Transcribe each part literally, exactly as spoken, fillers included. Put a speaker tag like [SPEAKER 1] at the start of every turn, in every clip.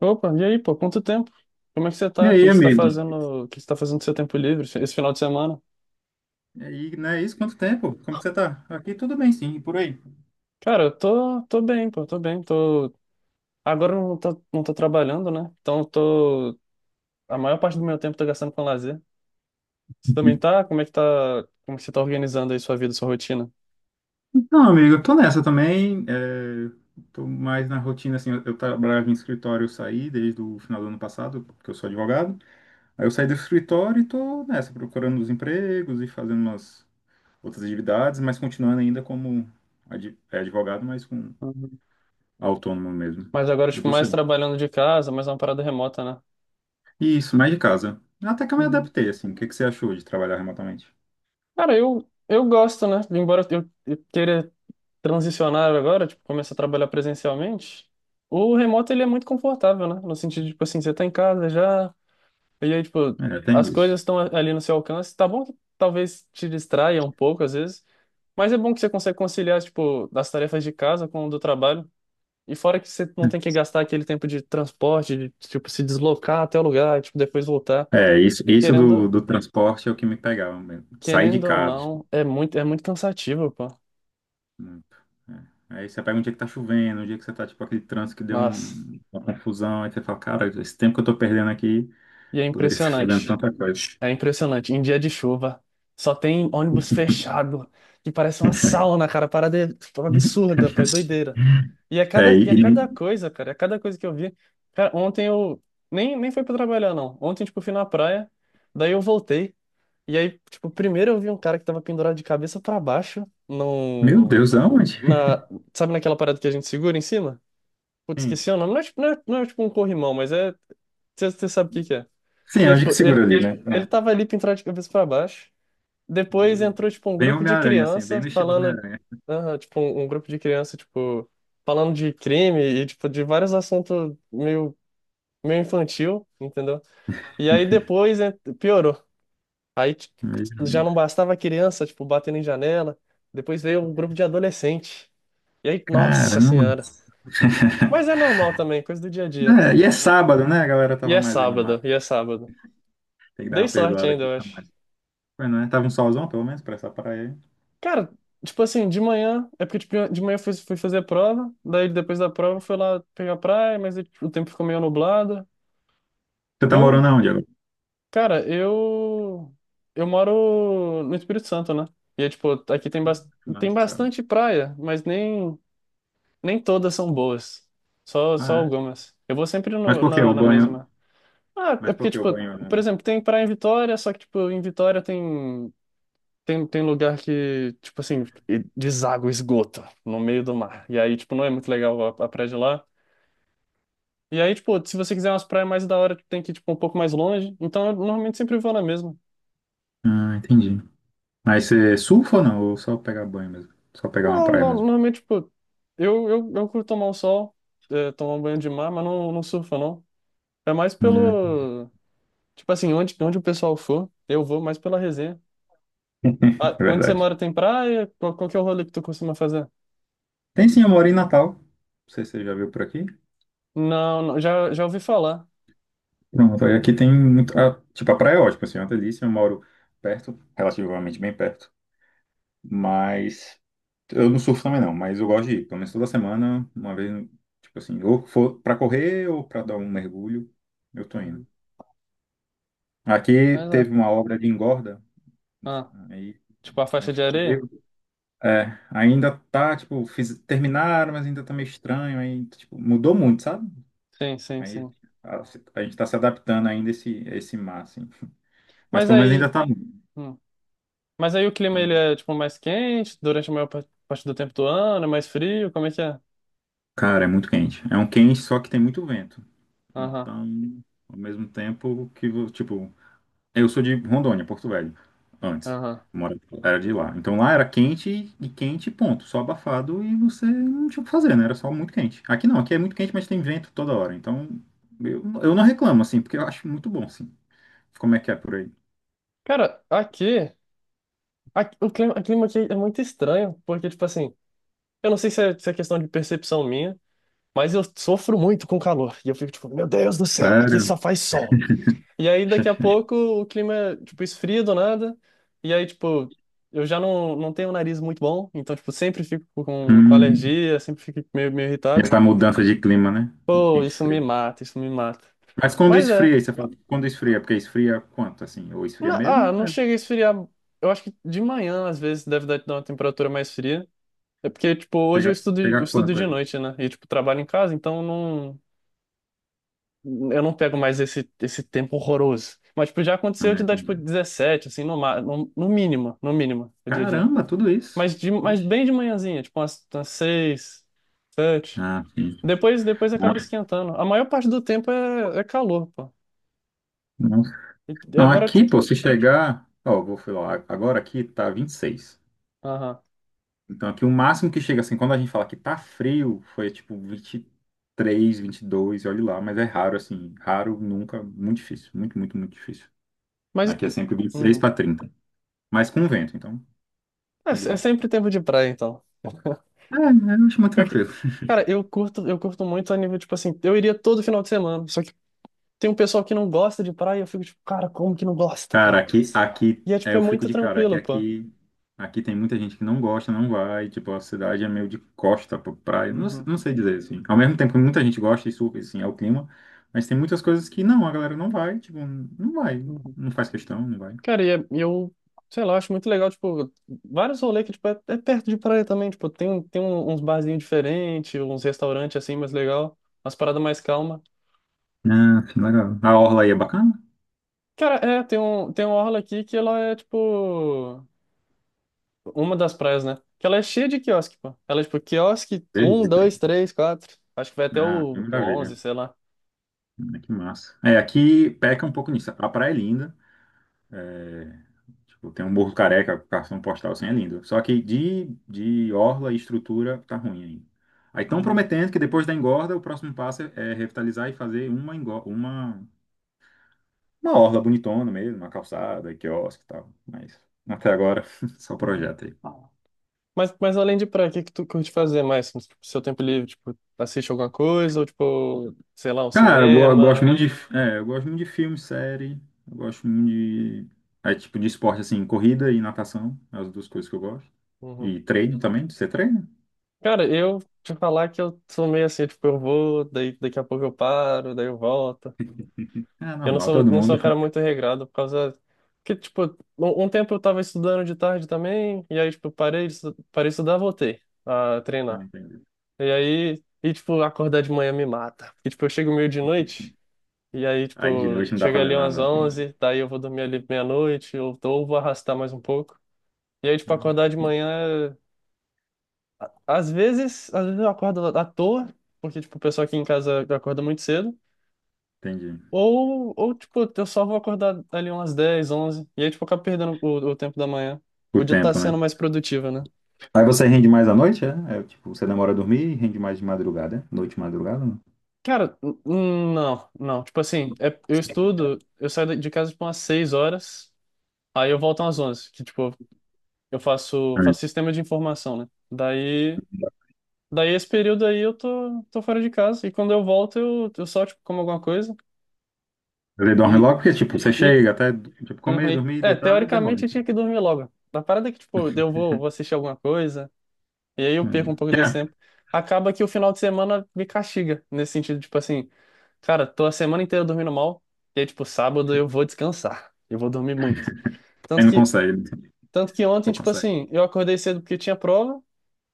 [SPEAKER 1] Opa, e aí, pô, quanto tempo? Como é que você
[SPEAKER 2] E
[SPEAKER 1] tá? O que
[SPEAKER 2] aí,
[SPEAKER 1] que você tá
[SPEAKER 2] amigo?
[SPEAKER 1] fazendo? O que você tá fazendo no seu tempo livre esse final de semana?
[SPEAKER 2] E aí, não é isso? Quanto tempo? Como que você tá? Aqui tudo bem, sim, e por aí.
[SPEAKER 1] Cara, eu tô, tô bem, pô, tô bem. Tô... Agora eu não tô, não tô trabalhando, né? Então eu tô. A maior parte do meu tempo eu tô gastando com lazer. Você também tá? Como é que tá? Como é que você tá organizando aí sua vida, sua rotina?
[SPEAKER 2] Então, amigo, eu tô nessa também. É... Tô mais na rotina, assim, eu, eu trabalhava em escritório, eu saí desde o final do ano passado, porque eu sou advogado. Aí eu saí do escritório e tô nessa, procurando os empregos e fazendo umas outras atividades, mas continuando ainda como ad- é, advogado, mas com
[SPEAKER 1] Uhum.
[SPEAKER 2] autônomo mesmo.
[SPEAKER 1] Mas agora,
[SPEAKER 2] E
[SPEAKER 1] tipo, mais
[SPEAKER 2] você?
[SPEAKER 1] trabalhando de casa, mais uma parada remota, né?
[SPEAKER 2] Isso, mais de casa. Até que eu me
[SPEAKER 1] Uhum.
[SPEAKER 2] adaptei, assim. O que que você achou de trabalhar remotamente?
[SPEAKER 1] Cara, eu, eu gosto, né? Embora eu, eu queira transicionar agora, tipo, começar a trabalhar presencialmente, o remoto, ele é muito confortável, né? No sentido de, tipo assim, você tá em casa já, e aí, tipo,
[SPEAKER 2] É, tem
[SPEAKER 1] as coisas
[SPEAKER 2] isso.
[SPEAKER 1] estão ali no seu alcance. Tá bom que talvez te distraia um pouco, às vezes, mas é bom que você consegue conciliar, tipo, das tarefas de casa com o do trabalho. E fora que você não tem que gastar aquele tempo de transporte, de, tipo, se deslocar até o lugar, tipo, depois voltar.
[SPEAKER 2] É, isso, isso do,
[SPEAKER 1] Querendo,
[SPEAKER 2] do transporte é o que me pegava mesmo. Sair de
[SPEAKER 1] querendo ou
[SPEAKER 2] casa.
[SPEAKER 1] não, é muito, é muito cansativo, pô.
[SPEAKER 2] Muito. É. Aí você pega um dia que tá chovendo, um dia que você tá, tipo, aquele trânsito que deu
[SPEAKER 1] Nossa.
[SPEAKER 2] um- uma confusão, aí você fala, cara, esse tempo que eu tô perdendo aqui,
[SPEAKER 1] E é
[SPEAKER 2] poderia estar fazendo
[SPEAKER 1] impressionante.
[SPEAKER 2] tanta coisa.
[SPEAKER 1] É impressionante. Em dia de chuva, só tem ônibus fechado, que parece uma sauna, cara. Parada é, tipo, absurda, pô. É doideira. E a
[SPEAKER 2] É,
[SPEAKER 1] cada, e a
[SPEAKER 2] e,
[SPEAKER 1] cada
[SPEAKER 2] e-
[SPEAKER 1] coisa, cara, a cada coisa que eu vi. Cara, ontem eu. Nem, nem foi pra trabalhar, não. Ontem, tipo, fui na praia. Daí eu voltei. E aí, tipo, primeiro eu vi um cara que tava pendurado de cabeça pra baixo,
[SPEAKER 2] Meu
[SPEAKER 1] num,
[SPEAKER 2] Deus, aonde?
[SPEAKER 1] na, sabe naquela parada que a gente segura em cima? Putz,
[SPEAKER 2] Sim.
[SPEAKER 1] esqueci o nome. Não é, tipo- não é, não é tipo um corrimão, mas é, você sabe o que que é.
[SPEAKER 2] Sim,
[SPEAKER 1] E
[SPEAKER 2] é
[SPEAKER 1] aí,
[SPEAKER 2] onde que
[SPEAKER 1] tipo,
[SPEAKER 2] segura
[SPEAKER 1] ele,
[SPEAKER 2] ali, né?
[SPEAKER 1] ele
[SPEAKER 2] É.
[SPEAKER 1] tava ali pendurado de cabeça pra baixo. Depois
[SPEAKER 2] Meu Deus.
[SPEAKER 1] entrou, tipo, um
[SPEAKER 2] Bem
[SPEAKER 1] grupo de
[SPEAKER 2] Homem-Aranha, assim,
[SPEAKER 1] criança
[SPEAKER 2] bem no estilo
[SPEAKER 1] falando,
[SPEAKER 2] Homem-Aranha.
[SPEAKER 1] ah, tipo, um, um grupo de criança, tipo, falando de crime e, tipo, de vários assuntos meio, meio infantil, entendeu? E aí depois eh, piorou. Aí tipo, já
[SPEAKER 2] Mesmo.
[SPEAKER 1] não bastava a criança, tipo, batendo em janela. Depois veio um grupo de adolescente. E aí, nossa
[SPEAKER 2] Caramba.
[SPEAKER 1] senhora. Mas é normal também, coisa do dia a dia,
[SPEAKER 2] É,
[SPEAKER 1] pô.
[SPEAKER 2] e é sábado, né? A galera
[SPEAKER 1] E
[SPEAKER 2] tava
[SPEAKER 1] é
[SPEAKER 2] mais animada.
[SPEAKER 1] sábado, e é sábado.
[SPEAKER 2] Tem que dar
[SPEAKER 1] Dei
[SPEAKER 2] uma
[SPEAKER 1] sorte
[SPEAKER 2] perdoada
[SPEAKER 1] ainda,
[SPEAKER 2] aqui.
[SPEAKER 1] eu acho.
[SPEAKER 2] Foi, não é? Tava um solzão, pelo menos, pra essa praia aí.
[SPEAKER 1] Cara, tipo assim, de manhã, é porque tipo, de manhã eu fui, fui fazer a prova, daí depois da prova eu fui lá pegar a praia, mas aí o tempo ficou meio nublado.
[SPEAKER 2] Você tá
[SPEAKER 1] Bom,
[SPEAKER 2] morando aonde agora?
[SPEAKER 1] cara, eu eu moro no Espírito Santo, né? E é tipo, aqui tem, bas-
[SPEAKER 2] Não,
[SPEAKER 1] tem
[SPEAKER 2] sabe.
[SPEAKER 1] bastante praia, mas nem Nem todas são boas. Só, só
[SPEAKER 2] Ah, é?
[SPEAKER 1] algumas. Eu vou sempre
[SPEAKER 2] Mas
[SPEAKER 1] no-
[SPEAKER 2] por que
[SPEAKER 1] na,
[SPEAKER 2] o
[SPEAKER 1] na
[SPEAKER 2] banho?
[SPEAKER 1] mesma. Ah, é
[SPEAKER 2] Mas por
[SPEAKER 1] porque,
[SPEAKER 2] que o
[SPEAKER 1] tipo,
[SPEAKER 2] banho? Né?
[SPEAKER 1] por exemplo, tem praia em Vitória, só que, tipo, em Vitória tem, tem, tem lugar que, tipo assim, e- deságua esgoto no meio do mar. E aí, tipo, não é muito legal a, a praia de lá. E aí, tipo, se você quiser umas praias mais da hora, tem que ir, tipo, um pouco mais longe. Então, eu normalmente sempre vou na mesma.
[SPEAKER 2] Ah, entendi. Mas você surfa ou não? Ou só pegar banho mesmo? Só pegar uma
[SPEAKER 1] Não,
[SPEAKER 2] praia
[SPEAKER 1] não
[SPEAKER 2] mesmo?
[SPEAKER 1] normalmente, tipo, eu, eu, eu curto tomar o sol, eh, tomar um banho de mar, mas não, não surfo, não. É mais
[SPEAKER 2] Hum,
[SPEAKER 1] pelo. Tipo assim, onde, onde o pessoal for, eu vou mais pela resenha. Ah,
[SPEAKER 2] é
[SPEAKER 1] onde você
[SPEAKER 2] verdade.
[SPEAKER 1] mora tem praia? Qual, qual que é o rolê que tu costuma fazer?
[SPEAKER 2] Tem sim, eu moro em Natal. Não sei se você já viu por aqui.
[SPEAKER 1] Não, não, já, já ouvi falar.
[SPEAKER 2] Pronto, aí aqui tem muito. Ah, tipo, a praia é ótima, assim, é uma delícia. Eu moro perto, relativamente bem perto. Mas. Eu não surfo também não, mas eu gosto de ir. Pelo menos toda semana, uma vez, tipo assim, ou for pra correr ou pra dar um mergulho, eu tô indo.
[SPEAKER 1] Uhum.
[SPEAKER 2] Aqui
[SPEAKER 1] Mas
[SPEAKER 2] teve
[SPEAKER 1] é.
[SPEAKER 2] uma obra de engorda,
[SPEAKER 1] Ah,
[SPEAKER 2] aí,
[SPEAKER 1] tipo a faixa
[SPEAKER 2] mas,
[SPEAKER 1] de
[SPEAKER 2] tipo, tudo-
[SPEAKER 1] areia?
[SPEAKER 2] é, ainda tá, tipo, fiz- terminaram, mas ainda tá meio estranho, aí, tipo, mudou muito, sabe?
[SPEAKER 1] Sim, sim,
[SPEAKER 2] Aí
[SPEAKER 1] sim.
[SPEAKER 2] a, a gente tá se adaptando ainda a esse, a esse mar, assim. Mas
[SPEAKER 1] Mas
[SPEAKER 2] pelo menos ainda
[SPEAKER 1] aí.
[SPEAKER 2] tá. Muito.
[SPEAKER 1] Hum. Mas aí o clima
[SPEAKER 2] é um-
[SPEAKER 1] ele é tipo mais quente durante a maior pa- parte do tempo do ano, é mais frio, como é que é?
[SPEAKER 2] Cara, é muito quente. É um quente, só que tem muito vento.
[SPEAKER 1] Aham,
[SPEAKER 2] Então, ao mesmo tempo que, vo- tipo, eu sou de Rondônia, Porto Velho, antes.
[SPEAKER 1] aham.
[SPEAKER 2] Eu mora- Era de lá. Então lá era quente e quente, ponto. Só abafado e você não tinha o que fazer, né? Era só muito quente. Aqui não, aqui é muito quente, mas tem vento toda hora. Então eu, eu não reclamo, assim, porque eu acho muito bom, assim. Como é que é por aí?
[SPEAKER 1] Cara, aqui, aqui- o clima, o clima aqui é muito estranho, porque tipo assim, eu não sei se é, se é questão de percepção minha, mas eu sofro muito com calor. E eu fico tipo, meu Deus do céu, aqui
[SPEAKER 2] Sério?
[SPEAKER 1] só faz sol. E aí daqui a pouco o clima, é, tipo, esfria do nada, e aí tipo, eu já não, não tenho um nariz muito bom, então tipo, sempre fico com, com
[SPEAKER 2] Hum,
[SPEAKER 1] alergia, sempre fico meio, meio irritado.
[SPEAKER 2] essa mudança de clima, né?
[SPEAKER 1] Pô,
[SPEAKER 2] Quente e
[SPEAKER 1] isso me
[SPEAKER 2] frio.
[SPEAKER 1] mata, isso me mata.
[SPEAKER 2] Mas quando
[SPEAKER 1] Mas é.
[SPEAKER 2] esfria, você fala, quando esfria, porque esfria quanto, assim? Ou esfria
[SPEAKER 1] Na- ah,
[SPEAKER 2] mesmo?
[SPEAKER 1] não
[SPEAKER 2] É.
[SPEAKER 1] chega a esfriar. Eu acho que de manhã, às vezes, deve dar dar uma temperatura mais fria. É porque, tipo, hoje eu
[SPEAKER 2] Chega,
[SPEAKER 1] estudo,
[SPEAKER 2] chega
[SPEAKER 1] eu
[SPEAKER 2] a
[SPEAKER 1] estudo
[SPEAKER 2] quanto
[SPEAKER 1] de
[SPEAKER 2] aí?
[SPEAKER 1] noite, né? E, tipo, trabalho em casa, então não, eu não pego mais esse, esse tempo horroroso. Mas, tipo, já
[SPEAKER 2] Ah,
[SPEAKER 1] aconteceu de dar,
[SPEAKER 2] entendi.
[SPEAKER 1] tipo, dezessete assim, no, ma- no, no mínimo, no mínimo, eu diria.
[SPEAKER 2] Caramba, tudo isso.
[SPEAKER 1] Mas, de, mas
[SPEAKER 2] Vixe.
[SPEAKER 1] bem de manhãzinha, tipo, umas, umas seis, sete.
[SPEAKER 2] Ah, sim.
[SPEAKER 1] Depois, depois acaba esquentando. A maior parte do tempo é, é calor, pô.
[SPEAKER 2] Nossa.
[SPEAKER 1] E, e
[SPEAKER 2] Não,
[SPEAKER 1] agora. Tipo,
[SPEAKER 2] aqui, pô, se chegar. Ó, vou falar, agora aqui tá vinte e seis.
[SPEAKER 1] Aham.
[SPEAKER 2] Então aqui o máximo que chega assim, quando a gente fala que tá frio, foi tipo vinte e três, vinte e dois, olha lá, mas é raro assim, raro nunca, muito difícil, muito, muito, muito difícil.
[SPEAKER 1] Mas.
[SPEAKER 2] Aqui é sempre vinte e seis
[SPEAKER 1] Uhum.
[SPEAKER 2] para trinta, mas com vento, então
[SPEAKER 1] É,
[SPEAKER 2] é de
[SPEAKER 1] é
[SPEAKER 2] boa.
[SPEAKER 1] sempre tempo de praia, então.
[SPEAKER 2] É, eu acho muito
[SPEAKER 1] Pior que-
[SPEAKER 2] tranquilo.
[SPEAKER 1] Cara, eu curto, eu curto muito a nível, tipo assim, eu iria todo final de semana. Só que tem um pessoal que não gosta de praia, eu fico tipo, cara, como que não gosta,
[SPEAKER 2] Cara,
[SPEAKER 1] cara?
[SPEAKER 2] aqui, aqui,
[SPEAKER 1] E é,
[SPEAKER 2] é,
[SPEAKER 1] tipo, é
[SPEAKER 2] eu fico
[SPEAKER 1] muito
[SPEAKER 2] de cara, que
[SPEAKER 1] tranquilo, pô.
[SPEAKER 2] aqui, aqui tem muita gente que não gosta, não vai, tipo, a cidade é meio de costa pra praia, não,
[SPEAKER 1] Uhum,
[SPEAKER 2] não sei dizer, assim. Ao mesmo tempo que muita gente gosta, isso, assim, é o clima, mas tem muitas coisas que não, a galera não vai, tipo, não vai,
[SPEAKER 1] uhum.
[SPEAKER 2] não faz questão, não vai.
[SPEAKER 1] Cara, e é- e eu, sei lá, acho muito legal, tipo, vários rolês que, tipo, é, é perto de praia também, tipo, tem, um- tem um- uns barzinhos diferentes, uns restaurantes, assim, mais legal, umas paradas mais calma.
[SPEAKER 2] Ah, que legal. A orla aí é bacana?
[SPEAKER 1] Cara, é, tem um, tem uma orla aqui que ela é, tipo, uma das praias, né? Que ela é cheia de quiosque, pô. Ela é tipo quiosque um
[SPEAKER 2] Beleza.
[SPEAKER 1] dois três quatro. Acho que vai até
[SPEAKER 2] Ah, que
[SPEAKER 1] o
[SPEAKER 2] maravilha.
[SPEAKER 1] onze, sei lá.
[SPEAKER 2] Ah, que massa. É, aqui peca um pouco nisso. A praia é linda, é. Tipo, tem um Morro Careca, cartão postal, assim, é lindo. Só que de, de orla e estrutura tá ruim ainda. Aí estão
[SPEAKER 1] Uhum,
[SPEAKER 2] prometendo que depois da engorda, o próximo passo é é revitalizar e fazer uma, engo- uma, uma orla bonitona mesmo, uma calçada, quiosque e tal. Mas até agora, só
[SPEAKER 1] uhum.
[SPEAKER 2] projeto aí.
[SPEAKER 1] Mas, mas além de praia, o que que tu curte fazer mais no seu tempo livre? Tipo, assiste alguma coisa ou tipo, sei lá, um
[SPEAKER 2] Cara, eu go- eu gosto
[SPEAKER 1] cinema?
[SPEAKER 2] muito de, é, eu gosto muito de filme, série, eu gosto muito de, é, tipo, de esporte, assim, corrida e natação, é as duas coisas que eu gosto.
[SPEAKER 1] Uhum.
[SPEAKER 2] E treino também, você treina?
[SPEAKER 1] Cara, eu te falar que eu sou meio assim, tipo, eu vou, daí, daqui a pouco eu paro, daí eu volto.
[SPEAKER 2] É
[SPEAKER 1] Eu não
[SPEAKER 2] normal,
[SPEAKER 1] sou,
[SPEAKER 2] todo
[SPEAKER 1] não sou
[SPEAKER 2] mundo.
[SPEAKER 1] um cara muito regrado por causa que, tipo, um, um tempo eu tava estudando de tarde também, e aí, tipo, parei, de estu- parei de estudar, voltei a
[SPEAKER 2] Ah,
[SPEAKER 1] treinar.
[SPEAKER 2] entendi.
[SPEAKER 1] E aí, e, tipo, acordar de manhã me mata. Porque, tipo, eu chego meio de noite, e aí,
[SPEAKER 2] Aí de
[SPEAKER 1] tipo,
[SPEAKER 2] noite não dá
[SPEAKER 1] chega
[SPEAKER 2] pra
[SPEAKER 1] ali
[SPEAKER 2] fazer
[SPEAKER 1] umas
[SPEAKER 2] nada.
[SPEAKER 1] onze daí eu vou dormir ali meia-noite, ou, ou vou arrastar mais um pouco. E aí, tipo, acordar de manhã, às vezes, às vezes eu acordo à toa, porque, tipo, o pessoal aqui em casa acorda muito cedo.
[SPEAKER 2] Entendi.
[SPEAKER 1] Ou, ou, tipo, eu só vou acordar ali umas dez onze e aí, tipo, eu acabo perdendo o, o tempo da manhã.
[SPEAKER 2] Por
[SPEAKER 1] Podia estar
[SPEAKER 2] tempo, né?
[SPEAKER 1] sendo mais produtiva, né?
[SPEAKER 2] Aí você rende mais à noite, é? É, tipo, você demora a dormir e rende mais de madrugada, é? Noite e madrugada, não?
[SPEAKER 1] Cara, n- n- não, não. Tipo assim, é- eu estudo, eu saio da- de casa, tipo, umas seis horas, aí eu volto umas onze que, tipo, eu faço,
[SPEAKER 2] Hum.
[SPEAKER 1] faço sistema de informação, né? Daí, daí esse período aí eu tô, tô fora de casa, e quando eu volto eu, eu só, tipo, como alguma coisa,
[SPEAKER 2] Você dorme
[SPEAKER 1] e,
[SPEAKER 2] logo porque, tipo, você
[SPEAKER 1] e,
[SPEAKER 2] chega até, tipo,
[SPEAKER 1] uhum,
[SPEAKER 2] comer,
[SPEAKER 1] e-
[SPEAKER 2] dormir,
[SPEAKER 1] é,
[SPEAKER 2] deitar, e demora.
[SPEAKER 1] teoricamente eu tinha que dormir logo. A parada é que, tipo, eu vou, vou assistir alguma coisa. E aí eu perco um
[SPEAKER 2] Hum.
[SPEAKER 1] pouco desse
[SPEAKER 2] É,
[SPEAKER 1] tempo. Acaba que o final de semana me castiga, nesse sentido, tipo assim, cara, tô a semana inteira dormindo mal, e aí, tipo, sábado eu vou descansar, eu vou dormir muito.
[SPEAKER 2] aí
[SPEAKER 1] Tanto
[SPEAKER 2] não
[SPEAKER 1] que,
[SPEAKER 2] consegue,
[SPEAKER 1] tanto que ontem,
[SPEAKER 2] não
[SPEAKER 1] tipo
[SPEAKER 2] consegue.
[SPEAKER 1] assim, eu acordei cedo porque tinha prova,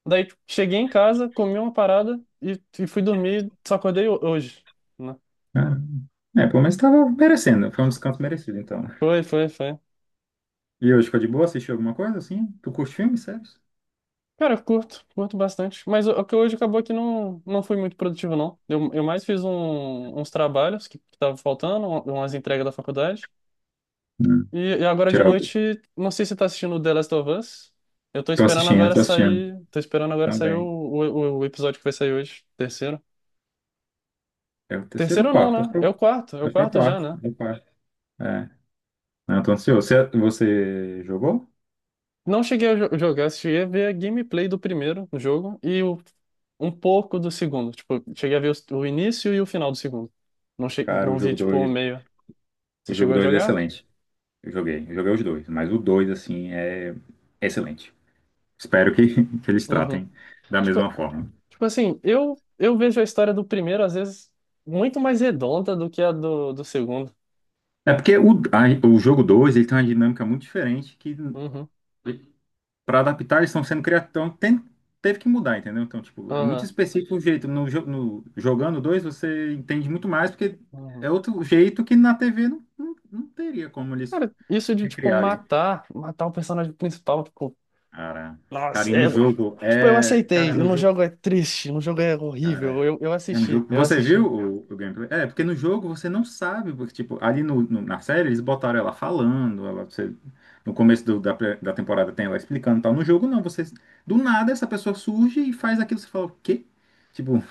[SPEAKER 1] daí tipo, cheguei em casa, comi uma parada e, e fui dormir, só acordei ho- hoje, né?
[SPEAKER 2] É, é, pelo menos tava merecendo, foi um descanso merecido, então.
[SPEAKER 1] Foi, foi, foi.
[SPEAKER 2] E hoje ficou de boa, assistiu alguma coisa, assim? Tu curte filme, sério?
[SPEAKER 1] Cara, eu curto, curto bastante. Mas o o que hoje acabou que não, não fui muito produtivo, não. Eu, eu mais fiz um- uns trabalhos que estavam faltando, um- umas entregas da faculdade.
[SPEAKER 2] Hum.
[SPEAKER 1] E, e agora de
[SPEAKER 2] Tirar o...
[SPEAKER 1] noite, não sei se você tá assistindo The Last of Us. Eu tô
[SPEAKER 2] Tô
[SPEAKER 1] esperando
[SPEAKER 2] assistindo,
[SPEAKER 1] agora
[SPEAKER 2] tô assistindo.
[SPEAKER 1] sair. Tô esperando agora sair o,
[SPEAKER 2] Também.
[SPEAKER 1] o, o episódio que vai sair hoje. Terceiro.
[SPEAKER 2] É o terceiro ou
[SPEAKER 1] Terceiro não,
[SPEAKER 2] quarto? Acho
[SPEAKER 1] né?
[SPEAKER 2] que é
[SPEAKER 1] É
[SPEAKER 2] o
[SPEAKER 1] o quarto. É o
[SPEAKER 2] acho que é o
[SPEAKER 1] quarto já,
[SPEAKER 2] quarto.
[SPEAKER 1] né?
[SPEAKER 2] É o quarto. É. Não, tô ansioso. Você, você jogou?
[SPEAKER 1] Não cheguei a jo- jogar, cheguei a ver a gameplay do primeiro jogo e o- um pouco do segundo. Tipo, cheguei a ver o, o início e o final do segundo. Não, che,
[SPEAKER 2] Cara, o
[SPEAKER 1] não vi,
[SPEAKER 2] jogo
[SPEAKER 1] tipo, o
[SPEAKER 2] dois
[SPEAKER 1] meio.
[SPEAKER 2] o
[SPEAKER 1] Você
[SPEAKER 2] jogo
[SPEAKER 1] chegou a
[SPEAKER 2] dois é
[SPEAKER 1] jogar?
[SPEAKER 2] excelente. Eu joguei, eu joguei os dois, mas o dois assim, é excelente. Espero que, que eles
[SPEAKER 1] Uhum.
[SPEAKER 2] tratem da
[SPEAKER 1] Tipo,
[SPEAKER 2] mesma forma.
[SPEAKER 1] tipo assim, eu, eu vejo a história do primeiro, às vezes, muito mais redonda do que a do, do segundo.
[SPEAKER 2] É porque o, a- o jogo dois ele tem uma dinâmica muito diferente que,
[SPEAKER 1] Uhum.
[SPEAKER 2] para adaptar, eles estão sendo criativos, então tem- teve que mudar, entendeu? Então, tipo, é muito
[SPEAKER 1] Aham,
[SPEAKER 2] específico o jeito. No, jo- no, jogando dois você entende muito mais, porque
[SPEAKER 1] aham.
[SPEAKER 2] é outro jeito que na T V não, não, não teria como eles
[SPEAKER 1] Cara, isso de, tipo,
[SPEAKER 2] recriarem.
[SPEAKER 1] matar, matar o personagem principal, tipo,
[SPEAKER 2] Cara, cara,
[SPEAKER 1] nossa,
[SPEAKER 2] e no
[SPEAKER 1] é.
[SPEAKER 2] jogo
[SPEAKER 1] Tipo, eu
[SPEAKER 2] é, cara,
[SPEAKER 1] aceitei.
[SPEAKER 2] no
[SPEAKER 1] No
[SPEAKER 2] jogo,
[SPEAKER 1] jogo é triste, no jogo é horrível.
[SPEAKER 2] cara,
[SPEAKER 1] Eu, eu
[SPEAKER 2] é no
[SPEAKER 1] assisti,
[SPEAKER 2] jogo.
[SPEAKER 1] eu
[SPEAKER 2] Você viu
[SPEAKER 1] assisti.
[SPEAKER 2] o, o gameplay? É, porque no jogo você não sabe, porque tipo, ali no, no- na série eles botaram ela falando, ela você- no começo do- da, pre- da temporada tem ela explicando, e tal. No jogo não, você do nada essa pessoa surge e faz aquilo, você fala, o quê? Tipo,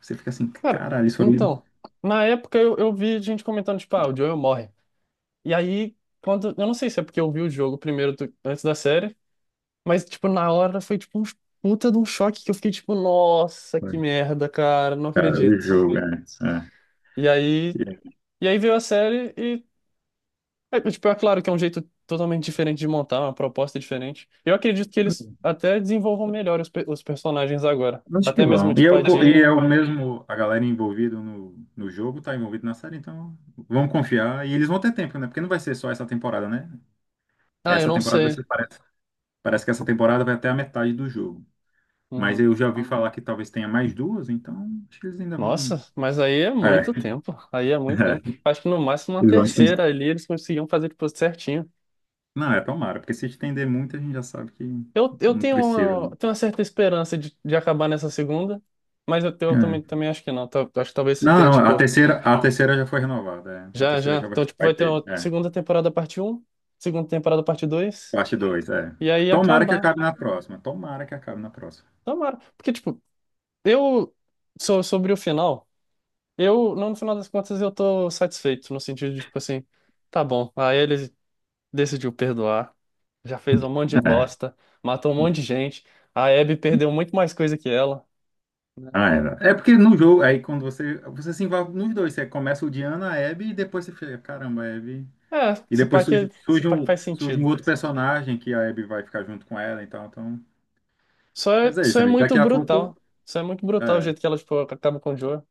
[SPEAKER 2] você fica assim,
[SPEAKER 1] Cara,
[SPEAKER 2] caralho, isso foi,
[SPEAKER 1] então, na época eu, eu vi gente comentando, tipo, ah, o Joel morre. E aí, quando. Eu não sei se é porque eu vi o jogo primeiro do- antes da série, mas, tipo, na hora foi, tipo, um puta de um choque que eu fiquei, tipo, nossa, que merda, cara, não
[SPEAKER 2] cara, o
[SPEAKER 1] acredito.
[SPEAKER 2] jogo, é,
[SPEAKER 1] E aí.
[SPEAKER 2] é.
[SPEAKER 1] E aí veio a série. É, tipo, é claro que é um jeito totalmente diferente de montar, uma proposta diferente. Eu acredito que eles até desenvolvam melhor os, pe- os personagens agora.
[SPEAKER 2] Acho
[SPEAKER 1] Até
[SPEAKER 2] que
[SPEAKER 1] mesmo,
[SPEAKER 2] vão. E é
[SPEAKER 1] tipo, a
[SPEAKER 2] o, co- e é
[SPEAKER 1] Dina.
[SPEAKER 2] o mesmo, a galera envolvida no, no jogo tá envolvida na série, então vamos confiar. E eles vão ter tempo, né? Porque não vai ser só essa temporada, né?
[SPEAKER 1] Ah, eu
[SPEAKER 2] Essa
[SPEAKER 1] não
[SPEAKER 2] temporada vai
[SPEAKER 1] sei.
[SPEAKER 2] ser, parece, parece que essa temporada vai até a metade do jogo. Mas
[SPEAKER 1] Uhum.
[SPEAKER 2] eu já ouvi falar que talvez tenha mais duas, então acho que eles ainda vão.
[SPEAKER 1] Nossa, mas aí é
[SPEAKER 2] É,
[SPEAKER 1] muito tempo. Aí é muito
[SPEAKER 2] é,
[SPEAKER 1] tempo. Acho que no máximo uma
[SPEAKER 2] eles vão estender.
[SPEAKER 1] terceira ali eles conseguiam fazer, tipo, certinho.
[SPEAKER 2] Não, é tomara, porque se estender muito, a gente já sabe que
[SPEAKER 1] Eu, eu
[SPEAKER 2] não
[SPEAKER 1] tenho
[SPEAKER 2] precisa, né?
[SPEAKER 1] uma, tenho uma certa esperança de, de acabar nessa segunda, mas eu, eu
[SPEAKER 2] É.
[SPEAKER 1] também, também acho que não. Tal- Acho que talvez se
[SPEAKER 2] Não,
[SPEAKER 1] tenha,
[SPEAKER 2] não, a
[SPEAKER 1] tipo,
[SPEAKER 2] terceira, a terceira já foi renovada. É. A
[SPEAKER 1] já, já.
[SPEAKER 2] terceira já vai,
[SPEAKER 1] Então, tipo,
[SPEAKER 2] vai
[SPEAKER 1] vai ter
[SPEAKER 2] ter.
[SPEAKER 1] uma
[SPEAKER 2] É.
[SPEAKER 1] segunda temporada parte um, segunda temporada parte dois.
[SPEAKER 2] Parte dois, é.
[SPEAKER 1] E aí
[SPEAKER 2] Tomara que
[SPEAKER 1] acabar.
[SPEAKER 2] acabe na próxima. Tomara que acabe na próxima.
[SPEAKER 1] Tomara. Porque, tipo, eu. So, sobre o final, eu, não, no final das contas, eu tô satisfeito, no sentido de, tipo assim, tá bom. Aí ele decidiu perdoar, já fez um monte de
[SPEAKER 2] É. Né?
[SPEAKER 1] bosta, matou um monte de gente. A Abby perdeu muito mais coisa que ela.
[SPEAKER 2] Ah, era. É porque no jogo, aí quando você. Você se envolve nos dois. Você começa odiando a Abby e depois você fica, caramba, a Abby.
[SPEAKER 1] É,
[SPEAKER 2] E
[SPEAKER 1] se pá
[SPEAKER 2] depois
[SPEAKER 1] que,
[SPEAKER 2] surge,
[SPEAKER 1] se
[SPEAKER 2] surge,
[SPEAKER 1] pá que
[SPEAKER 2] um,
[SPEAKER 1] faz
[SPEAKER 2] surge um
[SPEAKER 1] sentido.
[SPEAKER 2] outro personagem que a Abby vai ficar junto com ela, então. Então...
[SPEAKER 1] Só é,
[SPEAKER 2] Mas é
[SPEAKER 1] só
[SPEAKER 2] isso,
[SPEAKER 1] é
[SPEAKER 2] amigo.
[SPEAKER 1] muito
[SPEAKER 2] Daqui a pouco.
[SPEAKER 1] brutal. Só é muito brutal o
[SPEAKER 2] É,
[SPEAKER 1] jeito que ela, tipo, acaba com o Joe.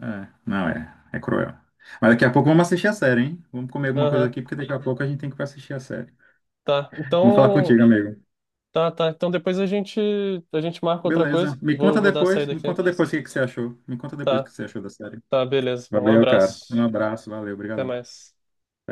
[SPEAKER 2] é. Não, é. É cruel. Mas daqui a pouco vamos assistir a série, hein? Vamos comer alguma coisa
[SPEAKER 1] Aham,
[SPEAKER 2] aqui, porque daqui a pouco a gente tem que ir pra assistir a série.
[SPEAKER 1] tá.
[SPEAKER 2] Vamos falar contigo,
[SPEAKER 1] Então.
[SPEAKER 2] amigo.
[SPEAKER 1] Tá, tá. Então depois a gente, a gente marca outra coisa.
[SPEAKER 2] Beleza. Me
[SPEAKER 1] Vou,
[SPEAKER 2] conta
[SPEAKER 1] vou dar a
[SPEAKER 2] depois.
[SPEAKER 1] saída
[SPEAKER 2] Me
[SPEAKER 1] aqui.
[SPEAKER 2] conta depois o que que você achou. Me conta depois o
[SPEAKER 1] Tá.
[SPEAKER 2] que você achou da série.
[SPEAKER 1] Tá, beleza. Então, um
[SPEAKER 2] Valeu, cara. Um
[SPEAKER 1] abraço.
[SPEAKER 2] abraço, valeu,
[SPEAKER 1] Até
[SPEAKER 2] obrigadão.
[SPEAKER 1] mais.